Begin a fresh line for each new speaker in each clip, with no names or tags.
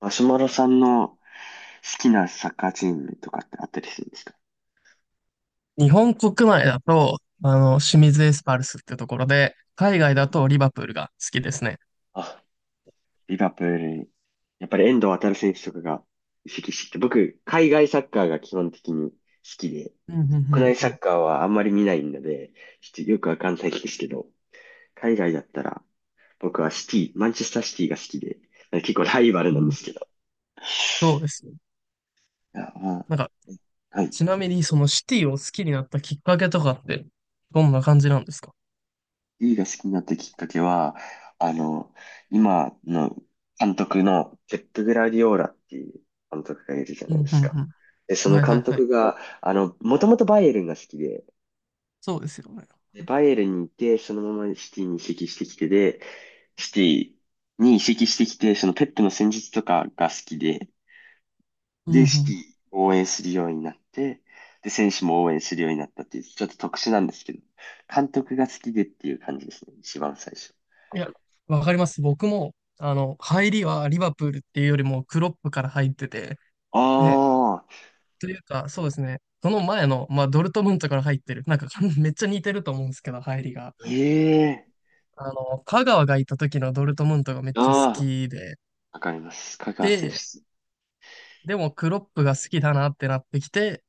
マシュマロさんの好きなサッカーチームとかってあったりするんですか？
日本国内だと、清水エスパルスってところで、海外だとリバプールが好きですね。
あ、リバプールに。やっぱり遠藤航選手とかが移籍してきて、僕、海外サッカーが基本的に好きで、
うん、うん、う
国内
ん、う
サ
ん。
ッカーはあんまり見ないので、ちょっとよくわかんないですけど、海外だったら、僕はシティ、マンチェスターシティが好きで、結構ライバル
う
なん
ん。
ですけど。
そうですね。
いや、まあ、
なんか、
はい。
ちなみに、そのシティを好きになったきっかけとかって、どんな感じなんですか？
D が好きになったきっかけは、あの、今の監督のペップ・グラディオーラっていう監督がいるじゃ
う
ないで
ん、う
す
ん、
か。で、
う
そ
ん。
の
はい、はい、
監
はい。
督が、もともとバイエルンが好きで、
そうですよね。
で、バイエルンにいて、そのままシティに移籍してきてで、シティに移籍してきて、そのペップの戦術とかが好きで、
うん、
で、
う
シテ
ん。
ィを応援するようになって、で、選手も応援するようになったっていう、ちょっと特殊なんですけど、監督が好きでっていう感じですね、一番最初。
いや、わかります。僕も、入りはリバプールっていうよりも、クロップから入ってて、で、
ああ、
というか、そうですね。その前の、まあ、ドルトムントから入ってる。なんか、めっちゃ似てると思うんですけど、入りが。
ええ。
香川がいた時のドルトムントがめっちゃ好
ああ、
きで、
わかります。香川選
で、
手。
でもクロップが好きだなってなってきて、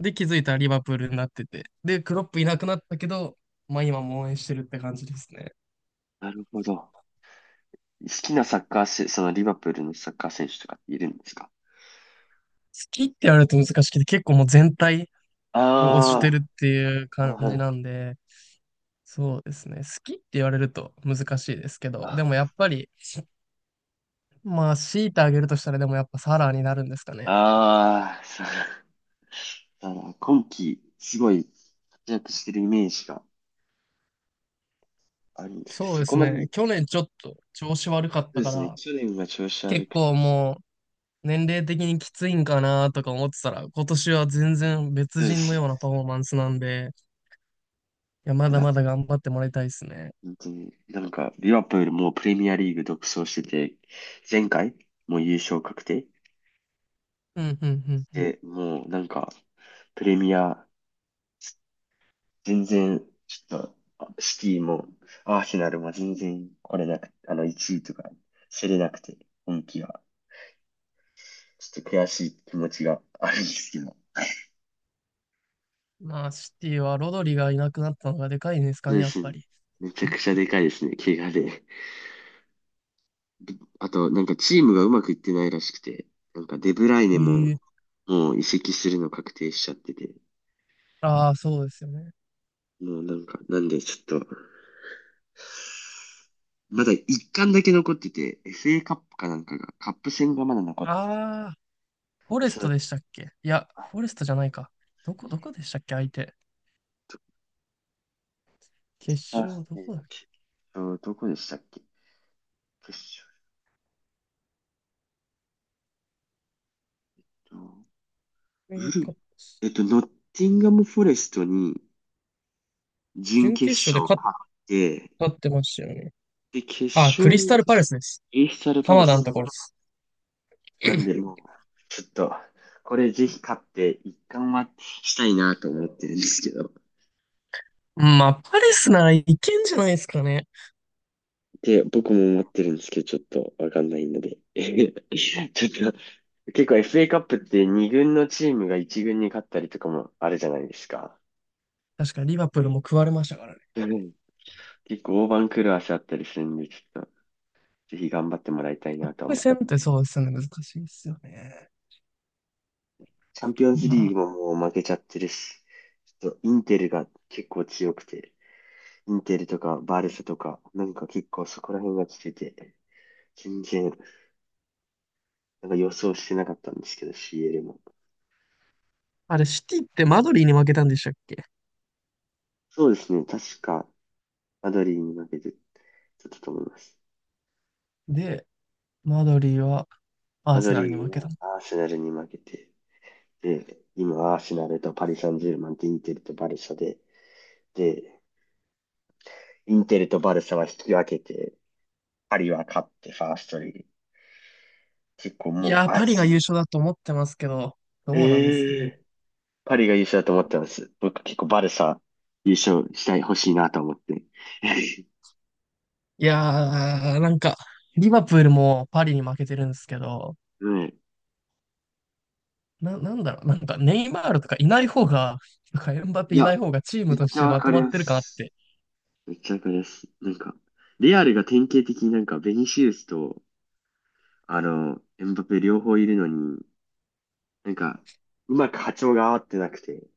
で、気づいたらリバプールになってて、で、クロップいなくなったけど、まあ今も応援してるって感じですね。
なるほど。好きなサッカー選そのリバプールのサッカー選手とかいるんですか？
好きって言われると難しくて、結構もう全体を推して
あ
るっていう
あ、なる
感
ほ
じ
ど。
なんで、そうですね。好きって言われると難しいですけど、でも
あ
やっぱり、まあ強いてあげるとしたらでもやっぱサラーになるんですかね。
あー、そう。だから今季、すごい活躍してるイメージがあるんですけど、
そう
そ
で
こ
す
まで、
ね。
そ
去年ちょっと調子悪かっ
う
た
で
か
すね、
ら、
去年が調子悪
結
く
構
て、
もう年齢的にきついんかなとか思ってたら、今年は全然別
そうで
人の
すね。
ようなパフォーマンスなんで、いや、ま
い
だ
や、
まだ頑張ってもらいたいですね。
本当に、なんか、リバプールもうプレミアリーグ独走してて、前回、もう優勝確定
うん、うん、うん、うん。
で、もうなんか、プレミア全然、ちょっと、シティも、アーセナルも全然来れなく、1位とか、競れなくて、今季は。ちょっと悔しい気持ちがあるんですけど。
まあ、シティはロドリがいなくなったのがでかいんですか
そう
ね、
で
やっ
す
ぱ
ね。
り。
めちゃく ちゃでかいですね、怪我で。あと、なんかチームがうまくいってないらしくて、なんかデブライネ
え
も、
え。
もう移籍するの確定しちゃってて、
ああ、そうですよね。
もうなんか、なんでちょっと、まだ一巻だけ残ってて、FA カップかなんかが、カップ戦がまだ残ってて、
ああ、フォレス
そ
ト
れ
でしたっけ？いや、フォレストじゃないか。どこでしたっけ、相手。決勝、どこだっ
決勝、どこでしたっけ決勝と、
け。
ブルー、
か
えっと、ノッティンガム・フォレストに準
準
決
決勝で
勝
勝っ
勝って、
たってましたよね。
で、決
あ、ク
勝、
リスタルパレスです。
エスタル・パレ
鎌田の
ス
ところです。
なんで、もう、ちょっと、これぜひ勝って、一冠はしたいなと思ってるんですけど、
まあ、パレスならいけんじゃないですかね。
で、僕も思ってるんですけど、ちょっとわかんないので、ちょっと、結構 FA カップって2軍のチームが1軍に勝ったりとかもあるじゃないですか。
確かにリバプールも食われましたからね。
結構大番狂わせあったりするんで、ちょっと、ぜひ頑張ってもらいたい
カッ
なと
プ
思っ
戦
て。
ってそうですよね。難しいですよね。
チャンピオン
う
ズリ
ん。
ーグももう負けちゃってるし、ちょっとインテルが結構強くて、インテルとかバルサとか、なんか結構そこら辺が来てて、全然、なんか予想してなかったんですけど、CL も。
あれ、シティってマドリーに負けたんでしたっけ？
そうですね、確か、マドリーに負けて、ちょっとと思います。
で、マドリーはア
マ
ー
ド
セナルに
リ
負
ー
けた
は
の。
アーセナルに負けて、で、今アーセナルとパリ・サンジェルマンとインテルとバルサで、で、インテルとバルサは引き分けて、パリは勝ってファーストリーグ。結構
い
もう、
やー、
あ、
パリが優勝だと思ってますけど、どうなんですか
え
ね。
え。パリが優勝だと思ってます。僕結構バルサ優勝したい、欲しいなと思って。
いやー、なんか、リバプールもパリに負けてるんですけど、
うん。
なんだろう、なんかネイマールとかいない方が、とかエムバ
い
ペいない
や、
方がチー
め
ム
っ
とし
ちゃ
て
わ
ま
か
と
り
まっ
ま
てるかなっ
す。
て。
めっちゃわかります。なんか、レアルが典型的になんかベニシウスと、エムバペ両方いるのに、なんか、うまく波長が合ってなくて、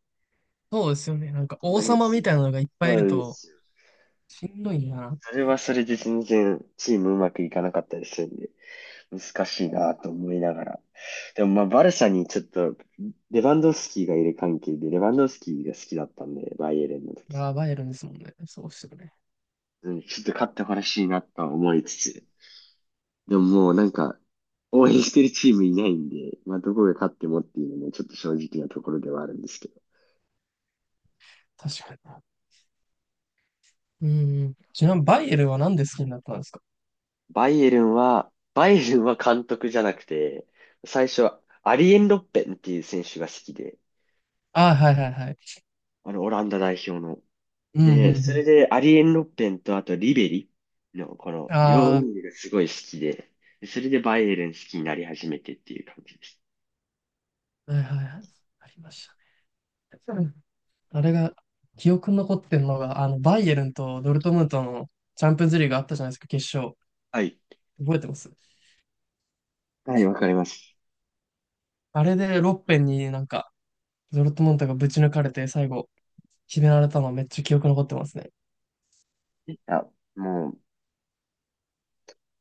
そうですよね。なんか
こんな
王
に
様み
つ、
たいなのがいっぱ
そ
いい
う
る
なんで
と、
すよ。
しんどいなっ
それは
て。
それで全然チームうまくいかなかったりするんで、難しいなと思いながら。でもまあバルサにちょっと、レバンドフスキーがいる関係で、レバンドフスキーが好きだったんで、バイエルンの時。
ああ、バイエルンですもんね。そうですよね。
うん、ちょっと勝ってほしいなとは思いつつ、でももうなんか、応援してるチームいないんで、まあどこが勝ってもっていうのもちょっと正直なところではあるんですけど。
確かに。うん、うん。ちなみにバイエルンはなんで好きになったんですか？
バイエルンは監督じゃなくて、最初はアリエン・ロッペンっていう選手が好きで、
ああ、はい、はい、はい。
オランダ代表の。
うん、うん、う
で、それ
ん。
で、アリエン・ロッペンと、あと、リベリの、この、両ウィ
あ
ングがすごい好きで、でそれでバイエルン好きになり始めてっていう感じです。
あ、はい、はい、はい。ありましたね。うん。あれが、記憶に残ってるのが、バイエルンとドルトムントのチャンピオンズリーグあったじゃないですか、決勝。
はい。
覚えてます？
はい、わかります。
あれでロッペンになんか、ドルトムントがぶち抜かれて、最後、決められたのめっちゃ記憶に残ってますね。
あ、もう、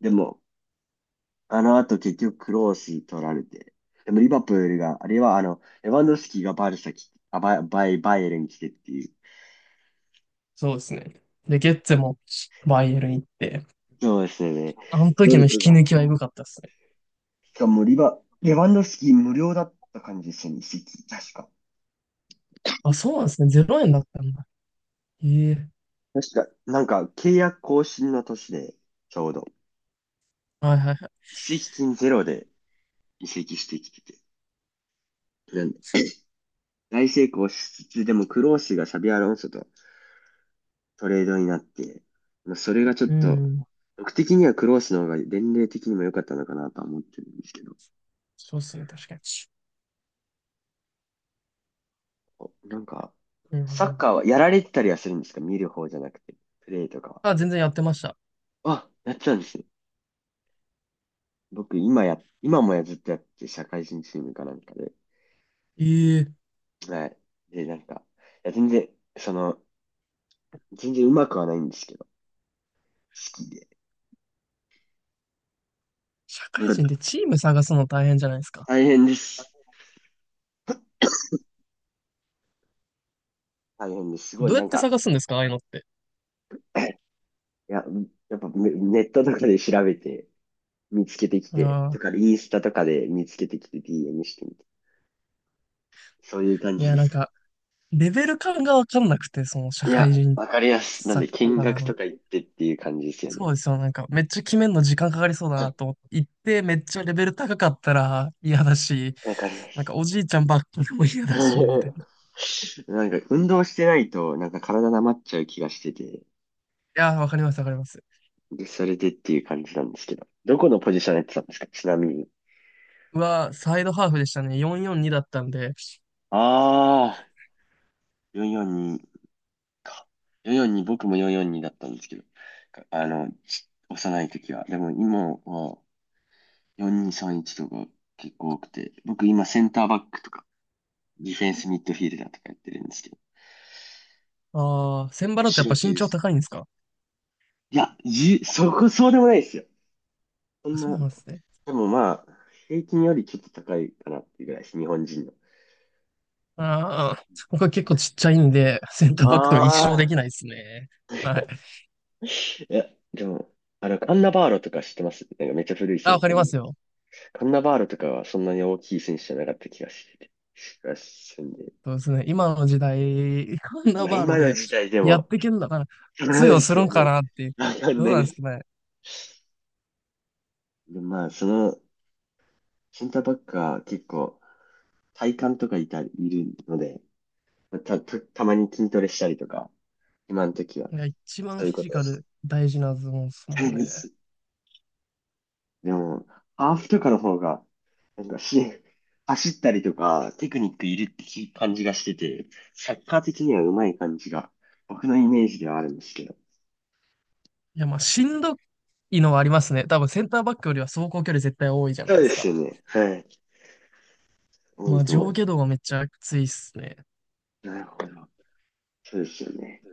でも、あの後結局クロース取られて、でもリバプールが、あれはレバンドフスキがバルサ来て、あ、バイエルン来てっていう。
そうですね。で、ゲッツェもバイエルン行って、
そうですよね。
あの
ド
時の
ル
引
ト
き
が。
抜きはエグかったですね。
しかもレバンドフスキ無料だった感じですよね、席確か。
あ、そうなんですね。0円だったんだ。ええ。
確か、なんか、契約更新の年で、ちょうど、
はい、はい、はい。
移籍金ゼロで移籍してきてて、なんで大成功しつつ、でもクロースがサビアロンソとトレードになって、まあ、それがちょっ
う
と、
ん。
僕的にはクロースの方が年齢的にも良かったのかなとは思ってるんですけど、
そうですね、確かに。
なんか、
う
サッ
ん。
カーはやられてたりはするんですか？見る方じゃなくて、プレイとかは。
あ、全然やってました。
あ、やっちゃうんですね。僕、今もずっとやって、社会人チームかなんかで。
ええ。
はい。で、なんか、いや、その、全然うまくはないんですけど、好きで。
社
う
会
ん、
人でチーム探すの大変じゃないですか。
大変です。大変です。すごい、
どう
な
やっ
ん
て
か、
探すんですか、ああいうのって。
いや、やっぱネットとかで調べて、見つけてきて、
あ
と
あ、
か、インスタとかで見つけてきて DM してみて。そういう感
い
じで
や、なん
すか？
か、レベル感がわかんなくて、その社
い
会
や、
人
わかりやす。なん
サッ
で、見
カー
学と
の、
か行ってっていう感じですよね。
そうですよ。なんか、めっちゃ決めるの時間かかりそうだなと思って行って、めっちゃレベル高かったら嫌だし、
わかりや
なんか
す。
おじいちゃんばっかりも嫌だし、みたいな。い
なんか、運動してないと、なんか体なまっちゃう気がしてて、
やー、わかります、わかります。
で、それでっていう感じなんですけど。どこのポジションやってたんですか？ちなみに。
うわー、サイドハーフでしたね。442だったんで。
ああ、442。か。442、僕も442だったんですけど、か幼い時は。でも今は4231とか結構多くて、僕今センターバックとか、ディフェンスミッドフィールダーとかやってるんですけど。
あー、センバロってやっ
後
ぱ
ろ手
身
で
長
す。
高いんですか？
いや、そこそうでもないですよ。そ
あ、
ん
そう
な、
なんですね。
でもまあ、平均よりちょっと高いかなっていうぐらいです、日本人の。
あー、僕は結構ちっちゃいんで、センター
あ
バックとか一生で
あ、
きないですね。はい。
いや、でも、アンナバーロとか知ってます？なんかめっちゃ古い
あ、
選
わ
手。
かりますよ。
カンナバールとかはそんなに大きい選手じゃなかった気がしてて、気がするんで。
そうですね。今の時代、こんな
まあ
バーロ
今の
で
時代で
やっ
も、
てけんだから、
そうな
通
ん
用
で
す
す
る
よ
んか
ね。
なって。
わかん
どう
ない
なん
で
です
す。
かね。
でまあセンターバックは結構体幹とかいるので、まあたまに筋トレしたりとか、今の時は、
いや、一
そ
番
うい
フ
う
ィ
こ
ジ
とで
カ
す。
ル大事なズボンですもん
は
ね。
い。でも、ハーフとかの方が、なんかし、走ったりとか、テクニックいるって感じがしてて、サッカー的には上手い感じが、僕のイメージではあるんですけど。
いや、まあ、しんどいのはありますね。多分センターバックよりは走行距離絶対多いじゃな
そ
い
う
で
で
すか。
すよね。はい。多
ま
い
あ、
と思
上
う。
下動がめっちゃきついっすね。
なるほど。そうですよね。